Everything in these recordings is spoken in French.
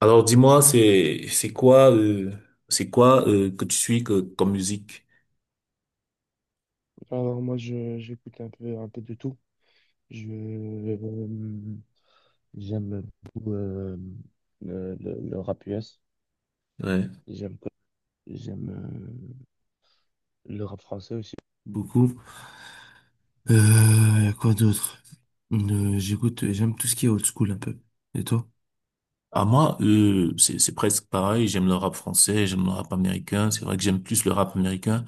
Alors dis-moi, c'est quoi que tu suis que, comme musique? Alors moi je j'écoute un peu de tout. Je J'aime beaucoup le rap US. Ouais. J'aime j'aime Le rap français aussi. Beaucoup. Euh, Y a quoi d'autre? J'écoute, j'aime tout ce qui est old school un peu. Et toi? À moi, c'est presque pareil. J'aime le rap français, j'aime le rap américain. C'est vrai que j'aime plus le rap américain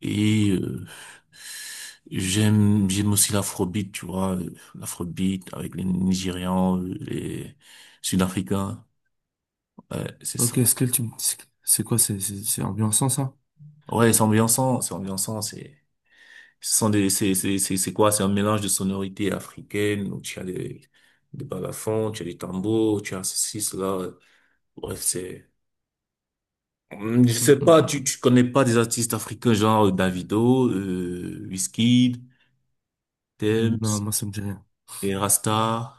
et j'aime aussi l'afrobeat, tu vois, l'afrobeat avec les Nigérians, les Sud-Africains. Ouais, c'est ça. Ok, Skull, c'est quoi? C'est ambiançant, ça? Ouais, c'est ambiançant, c'est ambiançant. C'est Ce sont des, c'est quoi? C'est un mélange de sonorités africaines, où tu as des, balafons, tu as des tambours, tu as ceci, cela. Bref, c'est, je Hum, sais hum, pas, hum. tu connais pas des artistes africains genre Davido, Wizkid, Hum. Non, Tems, moi, ça me dit rien. et Rasta.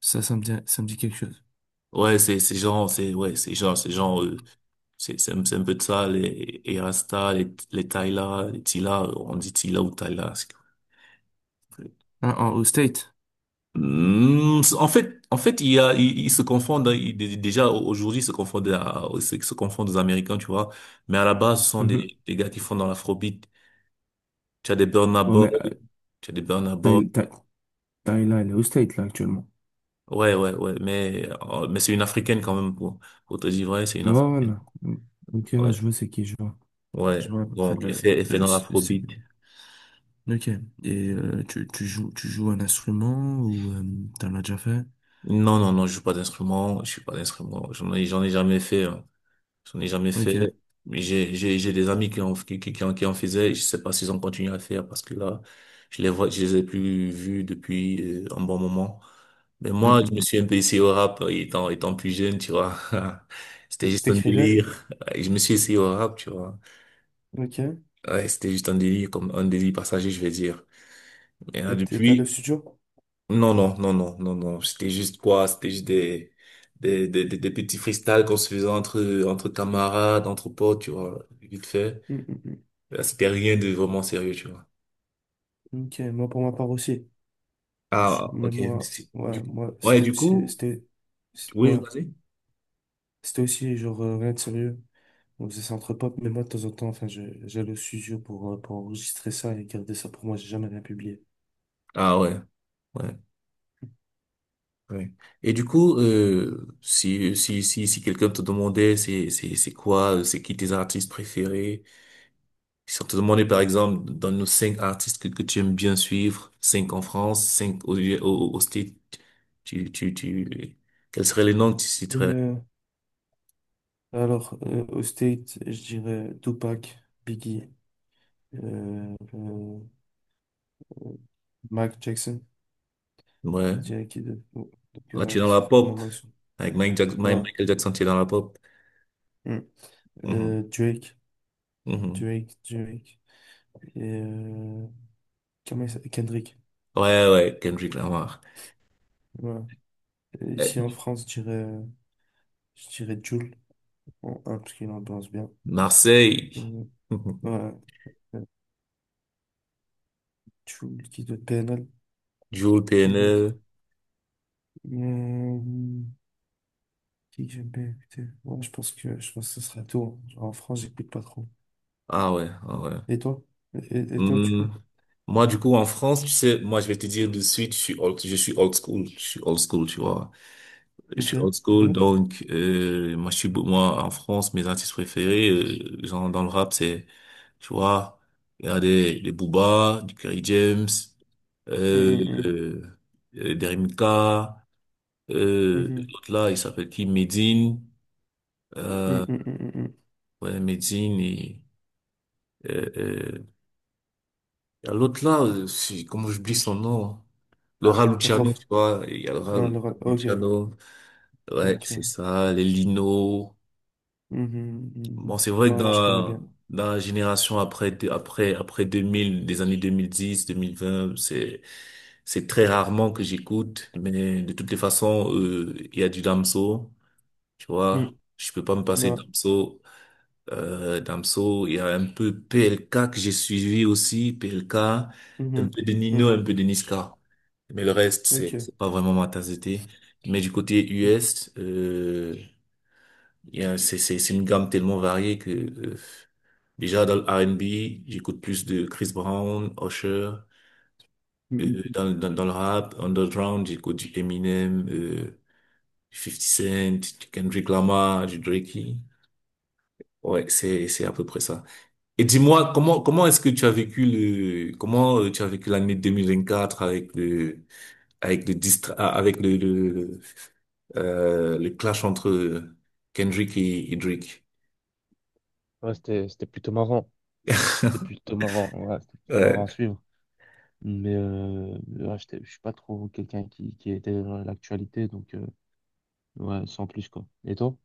Ça, ça me dit quelque chose. Ouais, c'est un peu de ça, les, et Rasta, les Tyla, les Tila, on dit Tila ou Tyla. Ah, en, au State? En fait, il y a, ils se confondent, hein, aujourd'hui, ils se confondent, ils se confondent aux Américains, tu vois. Mais à la base, ce sont Mhm. des gars qui font dans l'afrobeat. Tu as des Burna Ouais, Boy, mais tu as des Burna Boy. Ty- Ty- Tyla, elle est au State là actuellement. Ouais, ouais, ouais. Mais c'est une africaine quand même, pour te dire vrai, c'est une Ouais, africaine. voilà. Ok, ouais, Ouais, je vois c'est qui, je vois. Je ouais. vois à peu près Donc, elle le, fait, elle fait dans l'afrobeat. ok. Et tu, tu joues un instrument ou t'en as déjà fait? Non, non, non, je joue pas d'instrument, je suis pas d'instrument. J'en ai jamais fait, hein. J'en ai jamais fait. Ok. Mais j'ai des amis qui en, qui, qui en faisaient. Je sais pas s'ils ont continué à faire, parce que là, je les vois, je les ai plus vus depuis un bon moment. Mais Mm, moi, je me mm, suis un peu essayé au rap étant plus jeune, tu vois. mm. C'était juste un T'écrivais? délire. Ouais, je me suis essayé au rap, tu vois. Ok. Ouais, c'était juste un délire, comme un délire passager, je vais dire. Et là, Et t'allais au depuis, studio? non, non, non, non, non, non. C'était juste quoi? C'était juste des, des petits freestyles qu'on se faisait entre camarades, entre potes, tu vois, vite fait. Mm, mm, C'était rien de vraiment sérieux, tu vois. mm. Ok, moi pour ma part aussi. Ah, Mais ok. moi, Si. ouais, Du coup, moi, ouais, c'était du aussi, coup, oui, ouais, vas-y. c'était aussi genre rien de sérieux. On faisait ça entre potes, mais moi de temps en temps, j'allais au studio pour enregistrer ça et garder ça pour moi, j'ai jamais rien publié. Ah, ouais, ouais, ouais. Et du coup, si quelqu'un te demandait c'est qui tes artistes préférés, si on te demandait par exemple dans nos cinq artistes que tu aimes bien suivre, cinq en France, cinq au States, tu, tu, tu, quels seraient les noms que tu citerais? Euh, Alors, au State, je dirais Tupac, Biggie, euh, euh, euh, Mike Jackson. Je Ouais. dirais qui de... bon, donc, Là, tu es ils dans la sont, pour le pop. moment, ils sont. Avec Voilà. Michael Jackson, tu es dans la pop. Mm. Mhm. Drake, Mhm. Drake. Et comment il s'appelle Kendrick. Ouais, ouais, Kendrick Lamar. Voilà. Et Euh, ici en France, je dirais Jul, en un, parce qu'il ambiance bien. Marseille. Euh, voilà. Euh, Jul, qui d'autre? PNL, Jules qui d'autre? Terneul. Euh, Qui que j'aime bien écouter. Ouais, je pense que ce sera tout. Hein. Genre, en France, j'écoute pas trop. Ah ouais, ah ouais. Et toi? Et toi, du Hmm, coup? Moi, du coup, en France, tu sais, moi, je vais te dire de suite, je suis old school, je suis old school, tu vois. Je Ok. suis old school, Donc. donc moi, je suis, moi, en France, mes artistes préférés, genre dans le rap, c'est, tu vois, il y a des, Booba, du Kerry James, Hum, euh, hum, euh, Derrick Mika, hum. l'autre là, il s'appelle qui? Medine. Hum, Euh, hum, hum, hum, hum. ouais, Medine et euh, euh, il y a l'autre là, comment j'oublie son nom? Laura Le Luciano, Rof. tu vois, il y a Laura Ah, le Rof. Ok. Luciano, ouais, c'est Ok. ça, les Lino. Hum, hum, hum, Bon, hum. c'est vrai que Ouais, ouais, je connais dans, bien. dans la génération après 2000, des années 2010, 2020, c'est très rarement que j'écoute, mais de toutes les façons, il y a du Damso, tu vois, Hum. je peux pas me passer de Non. Damso. Damso, il y a un peu PLK que j'ai suivi aussi, PLK, un Hum, hum, peu de Nino, hum. un peu de Niska. Mais le reste, c'est Ok. c'est pas vraiment ma tasse de thé. Mais du côté Ok. US, il y a, c'est une gamme tellement variée que déjà dans le R&B, j'écoute plus de Chris Brown, Usher. Hum, hum, hum. dans le rap, underground, j'écoute du Eminem, du 50 Cent, du Kendrick Lamar, du Drake. Ouais, c'est à peu près ça. Et dis-moi, comment est-ce que tu as vécu le, comment tu as vécu l'année 2024 avec avec le clash entre Kendrick et Drake? Ouais, c'était, c'était plutôt marrant. C'était plutôt marrant. Ouais, c'était plutôt marrant à Ouais. suivre. Mais ouais, je suis pas trop quelqu'un qui était dans l'actualité, donc ouais, sans plus quoi. Et toi?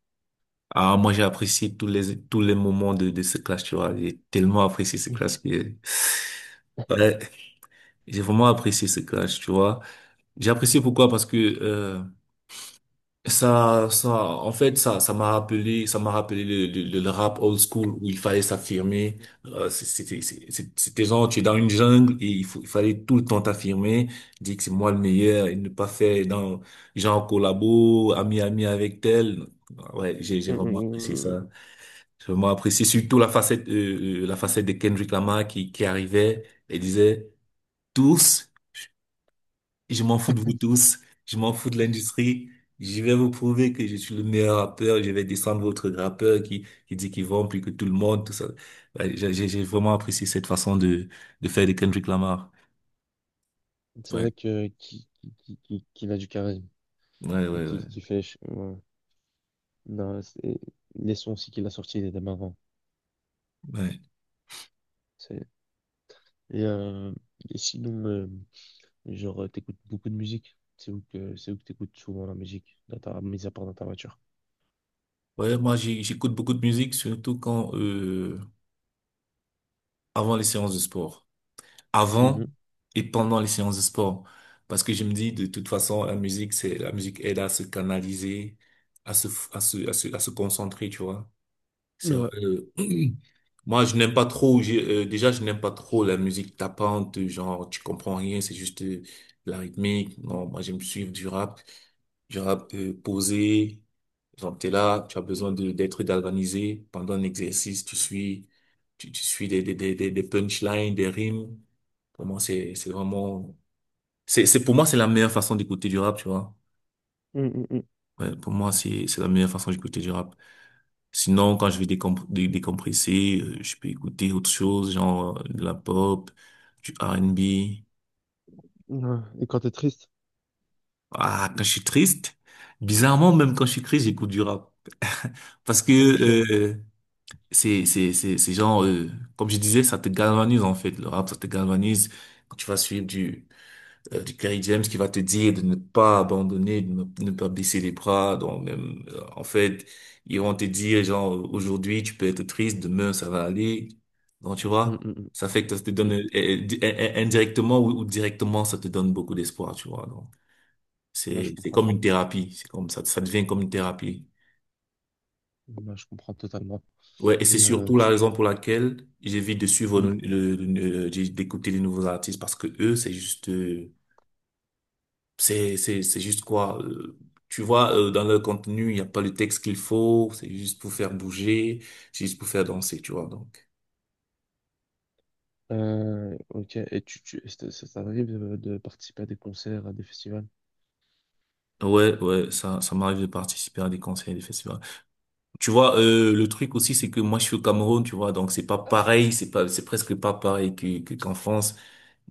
Ah, moi, j'ai apprécié tous les moments de ce clash, tu vois. J'ai tellement apprécié ce clash que, ouais, j'ai vraiment apprécié ce clash, tu vois. J'ai apprécié pourquoi? Parce que, en fait, ça m'a rappelé le, rap old school où il fallait s'affirmer. C'était, c'était genre, tu es dans une jungle et il fallait tout le temps t'affirmer, dire que c'est moi le meilleur et ne pas faire dans, genre, collabo, ami avec tel. Ouais, j'ai Mm, vraiment apprécié mm, mm. ça. J'ai vraiment apprécié surtout la facette, la facette de Kendrick Lamar qui arrivait et disait tous. Je m'en fous de vous tous. Je m'en fous de l'industrie. Je vais vous prouver que je suis le meilleur rappeur. Je vais descendre votre rappeur qui dit qu'il vend plus que tout le monde, tout ça. Ouais, j'ai vraiment apprécié cette façon de faire de Kendrick Lamar. C'est Ouais, vrai que qu'il a du charisme, ouais, ouais, ouais. Qui fait. Ouais. Non, c'est- Les sons aussi qu'il a sortis dès avant. Ouais, C'est- et, et sinon, genre, t'écoutes beaucoup de musique. C'est où que t'écoutes souvent la musique, dans ta, mis à part dans ta voiture. ouais, moi, j'écoute beaucoup de musique, surtout avant les séances de sport. Avant Mhm. et pendant les séances de sport. Parce que je me dis, de toute façon, la musique aide à se canaliser, à se concentrer, tu vois. C'est Ouais. vrai. Moi, je n'aime pas trop, déjà, je n'aime pas trop la musique tapante, genre, tu comprends rien, c'est juste la rythmique. Non, moi, j'aime suivre du rap posé. Genre, t'es là, tu as besoin d'être galvanisé pendant un exercice, tu suis des, des punchlines, des rimes. Pour moi, c'est vraiment, c'est, Pour moi, c'est la meilleure façon d'écouter du rap, tu vois. Mm, mm, Ouais, pour moi, c'est la meilleure façon d'écouter du rap. Sinon, quand je vais décompresser, je peux écouter autre chose, genre de la pop, du R&B. mm. Ouais. Et quand t'es triste. Ah, quand je suis triste, bizarrement, même quand je suis triste, j'écoute du rap. Parce que Ok. C'est genre, comme je disais, ça te galvanise en fait. Le rap, ça te galvanise. Quand tu vas suivre du Kerry James qui va te dire de ne pas abandonner, de ne pas baisser les bras. Donc, même, en fait, ils vont te dire, genre, aujourd'hui, tu peux être triste, demain, ça va aller. Donc, tu Mm, vois, mm, mm, ça fait que ça te donne, mm. Indirectement ou directement, ça te donne beaucoup d'espoir, tu vois. Donc, Là, je c'est comprends. comme une thérapie. C'est comme ça devient comme une thérapie. Là, je comprends totalement. Ouais, et c'est Et surtout la raison pour laquelle j'évite de suivre tu. D'écouter les nouveaux artistes parce que eux, c'est juste, c'est juste quoi? Tu vois, dans leur contenu, il n'y a pas le texte qu'il faut, c'est juste pour faire bouger, c'est juste pour faire danser, tu vois, donc. Ok, et tu, ça t'arrive de participer à des concerts, à des festivals? Ouais, ouais, ça m'arrive de participer à des concerts et des festivals. Tu vois, le truc aussi, c'est que moi, je suis au Cameroun, tu vois, donc c'est pas pareil, c'est presque pas pareil qu'en France.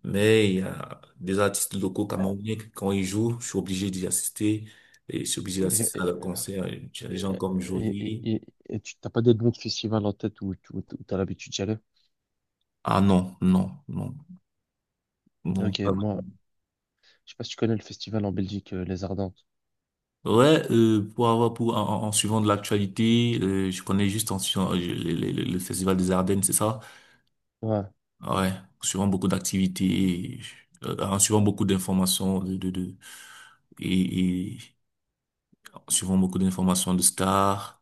Mais il y a des artistes locaux camerounais que quand ils jouent, je suis obligé d'y assister et je suis obligé Ok. d'assister à leur concert. Il y a des gens comme et- et- Jovi. et- et tu t'as pas des noms de festivals en tête où, où, où t'as l'habitude d'y aller? Ah non, non, non, non. Ok, Pas moi, vraiment. je sais pas si tu connais le festival en Belgique, Les Ardentes. Ouais, pour en suivant de l'actualité, je connais juste en suivant le, le Festival des Ardennes, c'est ça? Ouais, Ouais, en suivant beaucoup d'activités, en suivant beaucoup d'informations de et, en suivant beaucoup d'informations de stars.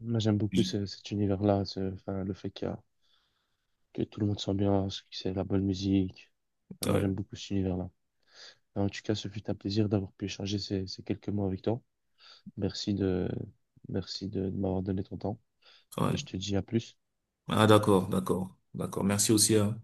moi j'aime beaucoup J- cet univers-là, enfin, le fait qu'il y a- que tout le monde s'ambiance, que c'est la bonne musique. Enfin, moi Ouais, j'aime beaucoup cet univers-là. En tout cas, ce fut un plaisir d'avoir pu échanger ces, ces quelques mots avec toi. Merci de, merci de m'avoir donné ton temps et ouais. je te dis à plus. Ah d'accord, d'accord, d'accord. Merci aussi, hein.